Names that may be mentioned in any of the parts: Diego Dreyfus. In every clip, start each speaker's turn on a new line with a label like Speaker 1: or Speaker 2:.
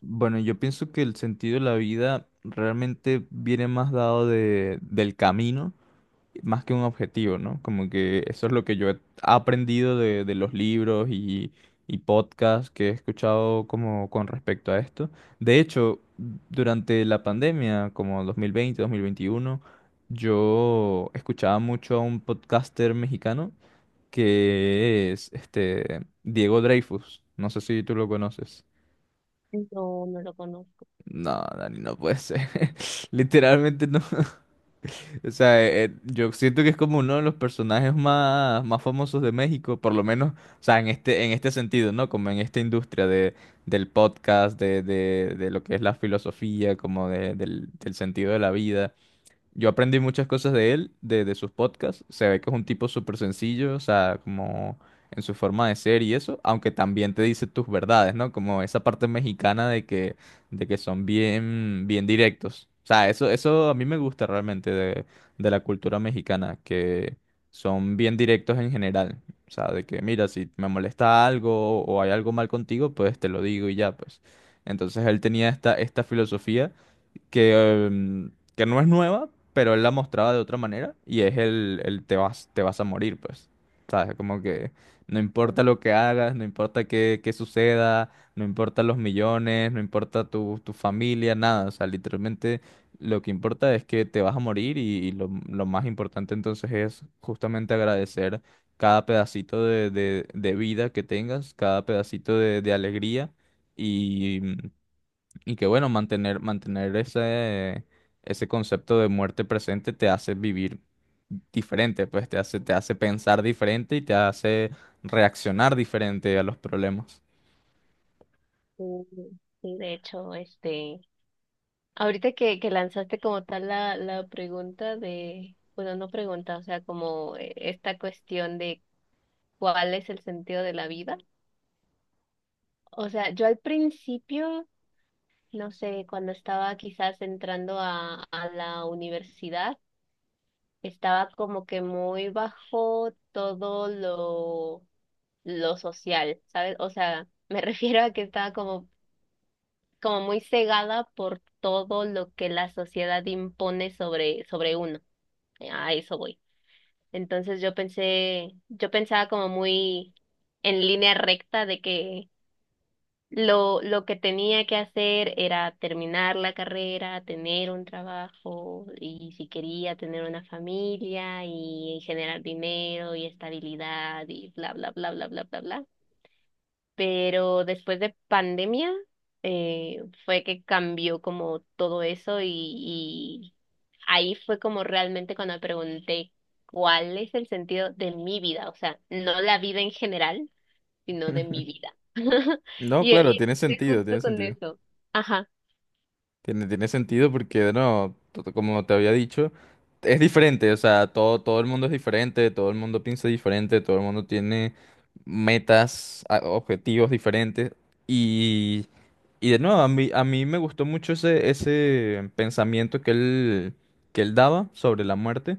Speaker 1: Bueno, yo pienso que el sentido de la vida realmente viene más dado del camino, más que un objetivo, ¿no? Como que eso es lo que yo he aprendido de los libros y podcasts que he escuchado como con respecto a esto. De hecho, durante la pandemia, como 2020, 2021, yo escuchaba mucho a un podcaster mexicano que es este Diego Dreyfus. No sé si tú lo conoces.
Speaker 2: No, no lo conozco.
Speaker 1: No, Dani, no puede ser. Literalmente no. O sea, yo siento que es como uno de los personajes más famosos de México, por lo menos, o sea, en este sentido, ¿no? Como en esta industria del podcast, de lo que es la filosofía, como del sentido de la vida. Yo aprendí muchas cosas de él, de sus podcasts. Se ve que es un tipo súper sencillo, o sea, como en su forma de ser y eso, aunque también te dice tus verdades, ¿no? Como esa parte mexicana de que son bien directos. O sea, eso a mí me gusta realmente de la cultura mexicana, que son bien directos en general. O sea, de que, mira, si me molesta algo o hay algo mal contigo, pues te lo digo y ya, pues. Entonces él tenía esta filosofía que, que no es nueva, pero él la mostraba de otra manera y es el te vas a morir, pues. ¿Sabes? Como que no importa lo que hagas, no importa qué suceda, no importa los millones, no importa tu familia, nada. O sea, literalmente lo que importa es que te vas a morir y lo más importante entonces es justamente agradecer cada pedacito de vida que tengas, cada pedacito de alegría. Y y que bueno, mantener ese concepto de muerte presente te hace vivir diferente, pues te hace pensar diferente y te hace reaccionar diferente a los problemas.
Speaker 2: Sí, sí, de hecho, ahorita que lanzaste como tal la pregunta de, bueno, no pregunta, o sea, como esta cuestión de cuál es el sentido de la vida. O sea, yo al principio, no sé, cuando estaba quizás entrando a la universidad, estaba como que muy bajo todo lo social, ¿sabes? O sea, me refiero a que estaba como muy cegada por todo lo que la sociedad impone sobre uno. A eso voy. Entonces yo pensé, yo pensaba como muy en línea recta de que lo que tenía que hacer era terminar la carrera, tener un trabajo y si quería tener una familia y generar dinero y estabilidad y bla, bla, bla, bla, bla, bla, bla, pero después de pandemia fue que cambió como todo eso y ahí fue como realmente cuando me pregunté cuál es el sentido de mi vida, o sea, no la vida en general, sino de mi vida.
Speaker 1: No,
Speaker 2: Y,
Speaker 1: claro,
Speaker 2: y
Speaker 1: tiene
Speaker 2: estoy
Speaker 1: sentido,
Speaker 2: justo
Speaker 1: tiene
Speaker 2: con
Speaker 1: sentido.
Speaker 2: eso. Ajá,
Speaker 1: Tiene, tiene sentido porque, no, como te había dicho, es diferente, o sea, todo, todo el mundo es diferente, todo el mundo piensa diferente, todo el mundo tiene metas, objetivos diferentes y... Y de nuevo, a mí me gustó mucho ese pensamiento que él daba sobre la muerte.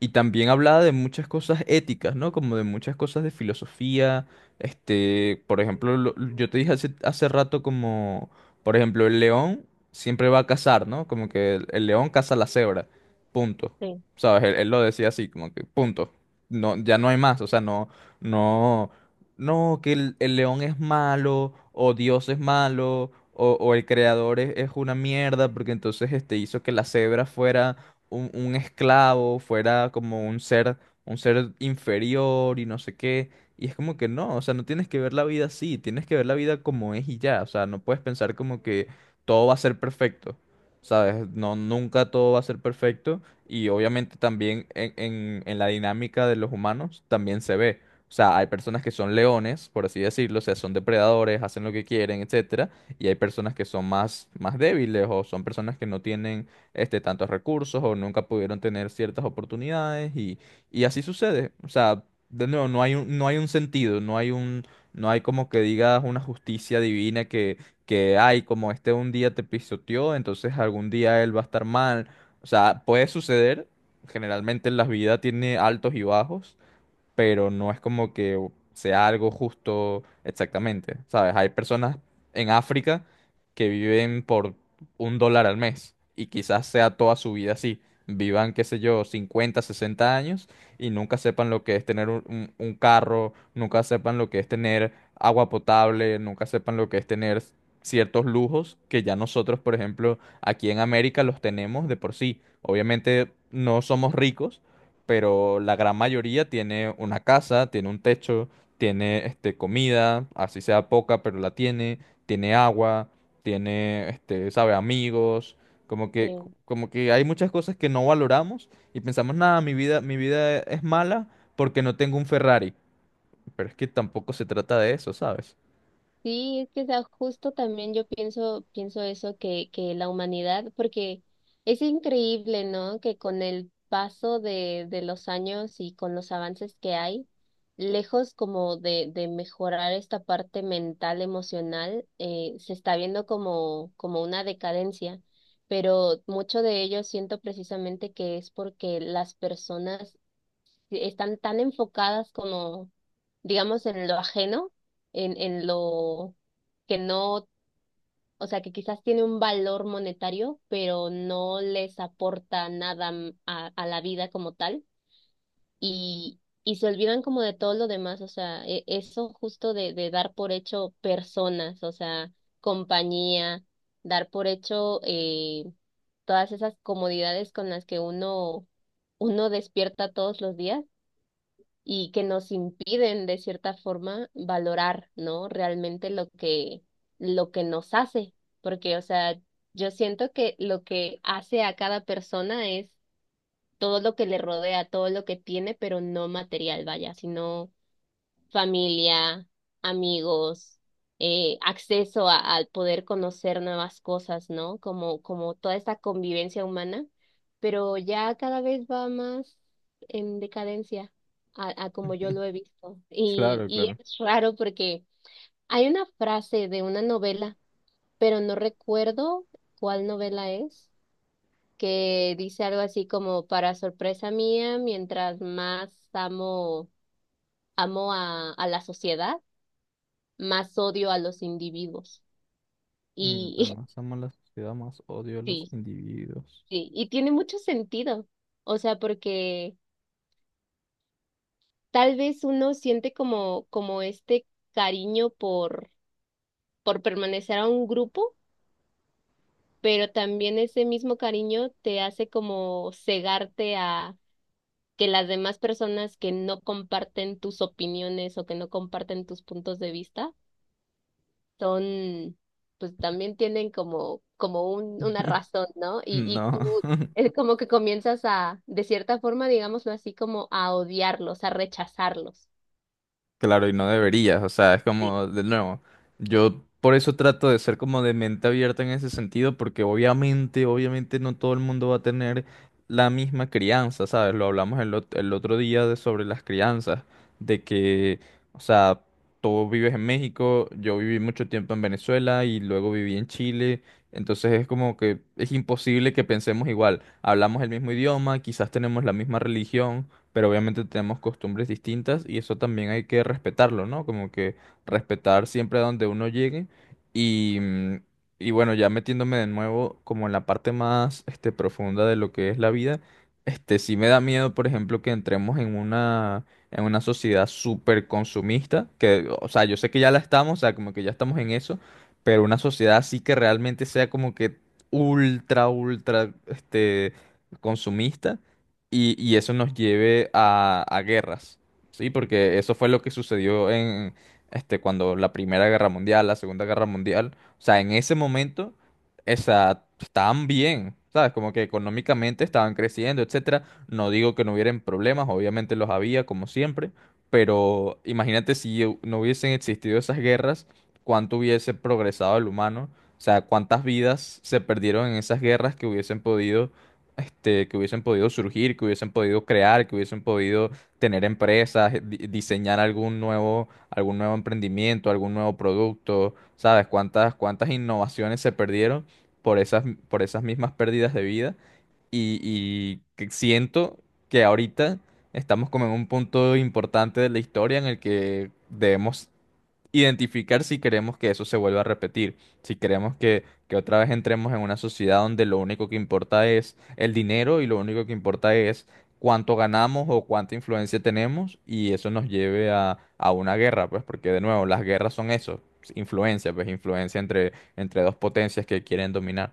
Speaker 1: Y también hablaba de muchas cosas éticas, ¿no? Como de muchas cosas de filosofía. Este, por ejemplo, yo te dije hace, hace rato como, por ejemplo, el león siempre va a cazar, ¿no? Como que el león caza la cebra. Punto.
Speaker 2: sí,
Speaker 1: ¿Sabes? Él lo decía así, como que punto. No, ya no hay más. O sea, no no, que el león es malo, o Dios es malo, o el creador es una mierda, porque entonces este hizo que la cebra fuera un esclavo, fuera como un ser inferior y no sé qué. Y es como que no, o sea, no tienes que ver la vida así, tienes que ver la vida como es y ya. O sea, no puedes pensar como que todo va a ser perfecto. ¿Sabes? No, nunca todo va a ser perfecto. Y obviamente también en la dinámica de los humanos también se ve. O sea, hay personas que son leones, por así decirlo, o sea, son depredadores, hacen lo que quieren, etcétera, y hay personas que son más débiles o son personas que no tienen este, tantos recursos o nunca pudieron tener ciertas oportunidades y así sucede. O sea, de nuevo, no hay un, no hay un sentido, no hay un, no hay como que digas una justicia divina que hay, como este un día te pisoteó, entonces algún día él va a estar mal. O sea, puede suceder, generalmente en la vida tiene altos y bajos pero no es como que sea algo justo exactamente, ¿sabes? Hay personas en África que viven por un dólar al mes y quizás sea toda su vida así. Vivan, qué sé yo, 50, 60 años y nunca sepan lo que es tener un, un carro, nunca sepan lo que es tener agua potable, nunca sepan lo que es tener ciertos lujos que ya nosotros, por ejemplo, aquí en América los tenemos de por sí. Obviamente no somos ricos, pero la gran mayoría tiene una casa, tiene un techo, tiene este, comida, así sea poca, pero la tiene, tiene agua, tiene, este, sabe, amigos, como que,
Speaker 2: sí.
Speaker 1: como que hay muchas cosas que no valoramos y pensamos, nada, mi vida es mala porque no tengo un Ferrari, pero es que tampoco se trata de eso, ¿sabes?
Speaker 2: Sí, es que, o sea, justo también yo pienso, pienso eso que la humanidad, porque es increíble, ¿no? Que con el paso de los años y con los avances que hay, lejos como de mejorar esta parte mental, emocional, se está viendo como, como una decadencia. Pero mucho de ello siento precisamente que es porque las personas están tan enfocadas como, digamos, en lo ajeno, en lo que no, o sea, que quizás tiene un valor monetario, pero no les aporta nada a la vida como tal, y se olvidan como de todo lo demás, o sea, eso justo de dar por hecho personas, o sea, compañía, dar por hecho todas esas comodidades con las que uno, uno despierta todos los días y que nos impiden de cierta forma valorar, ¿no? Realmente lo que nos hace, porque, o sea, yo siento que lo que hace a cada persona es todo lo que le rodea, todo lo que tiene, pero no material, vaya, sino familia, amigos, acceso al poder conocer nuevas cosas, ¿no? Como, como toda esta convivencia humana, pero ya cada vez va más en decadencia a como yo lo he visto.
Speaker 1: Claro,
Speaker 2: Y
Speaker 1: claro.
Speaker 2: es raro porque hay una frase de una novela, pero no recuerdo cuál novela es, que dice algo así como, para sorpresa mía, mientras más amo, amo a la sociedad, más odio a los individuos.
Speaker 1: Mientras
Speaker 2: Y
Speaker 1: más amo la sociedad, más odio a los
Speaker 2: sí,
Speaker 1: individuos.
Speaker 2: sí, y tiene mucho sentido. O sea, porque tal vez uno siente como, como este cariño por permanecer a un grupo, pero también ese mismo cariño te hace como cegarte a que las demás personas que no comparten tus opiniones o que no comparten tus puntos de vista son, pues también tienen como, como un, una razón, ¿no? Y
Speaker 1: No.
Speaker 2: tú es como que comienzas a, de cierta forma, digámoslo así, como a odiarlos, a rechazarlos.
Speaker 1: Claro, y no deberías, o sea, es como, de nuevo, yo por eso trato de ser como de mente abierta en ese sentido, porque obviamente, obviamente no todo el mundo va a tener la misma crianza, ¿sabes? Lo hablamos el otro día de sobre las crianzas, de que, o sea, tú vives en México, yo viví mucho tiempo en Venezuela y luego viví en Chile, entonces es como que es imposible que pensemos igual, hablamos el mismo idioma, quizás tenemos la misma religión pero obviamente tenemos costumbres distintas y eso también hay que respetarlo, ¿no? Como que respetar siempre a donde uno llegue y, y bueno, ya metiéndome de nuevo como en la parte más este, profunda de lo que es la vida, este sí me da miedo, por ejemplo, que entremos en una sociedad súper consumista, que, o sea, yo sé que ya la estamos, o sea, como que ya estamos en eso, pero una sociedad así que realmente sea como que ultra, este, consumista y eso nos lleve a guerras, ¿sí? Porque eso fue lo que sucedió en, este, cuando la Primera Guerra Mundial, la Segunda Guerra Mundial, o sea, en ese momento, esa, estaban bien, ¿sabes? Como que económicamente estaban creciendo, etcétera. No digo que no hubieran problemas, obviamente los había, como siempre, pero imagínate si no hubiesen existido esas guerras, cuánto hubiese progresado el humano, o sea, cuántas vidas se perdieron en esas guerras que hubiesen podido este, que hubiesen podido surgir, que hubiesen podido crear, que hubiesen podido tener empresas, diseñar algún nuevo emprendimiento, algún nuevo producto, ¿sabes? Cuántas, cuántas innovaciones se perdieron por esas, por esas mismas pérdidas de vida. Y que siento que ahorita estamos como en un punto importante de la historia en el que debemos identificar si queremos que eso se vuelva a repetir, si queremos que otra vez entremos en una sociedad donde lo único que importa es el dinero y lo único que importa es cuánto ganamos o cuánta influencia tenemos y eso nos lleve a una guerra, pues porque de nuevo, las guerras son eso, influencia, pues influencia entre, entre dos potencias que quieren dominar.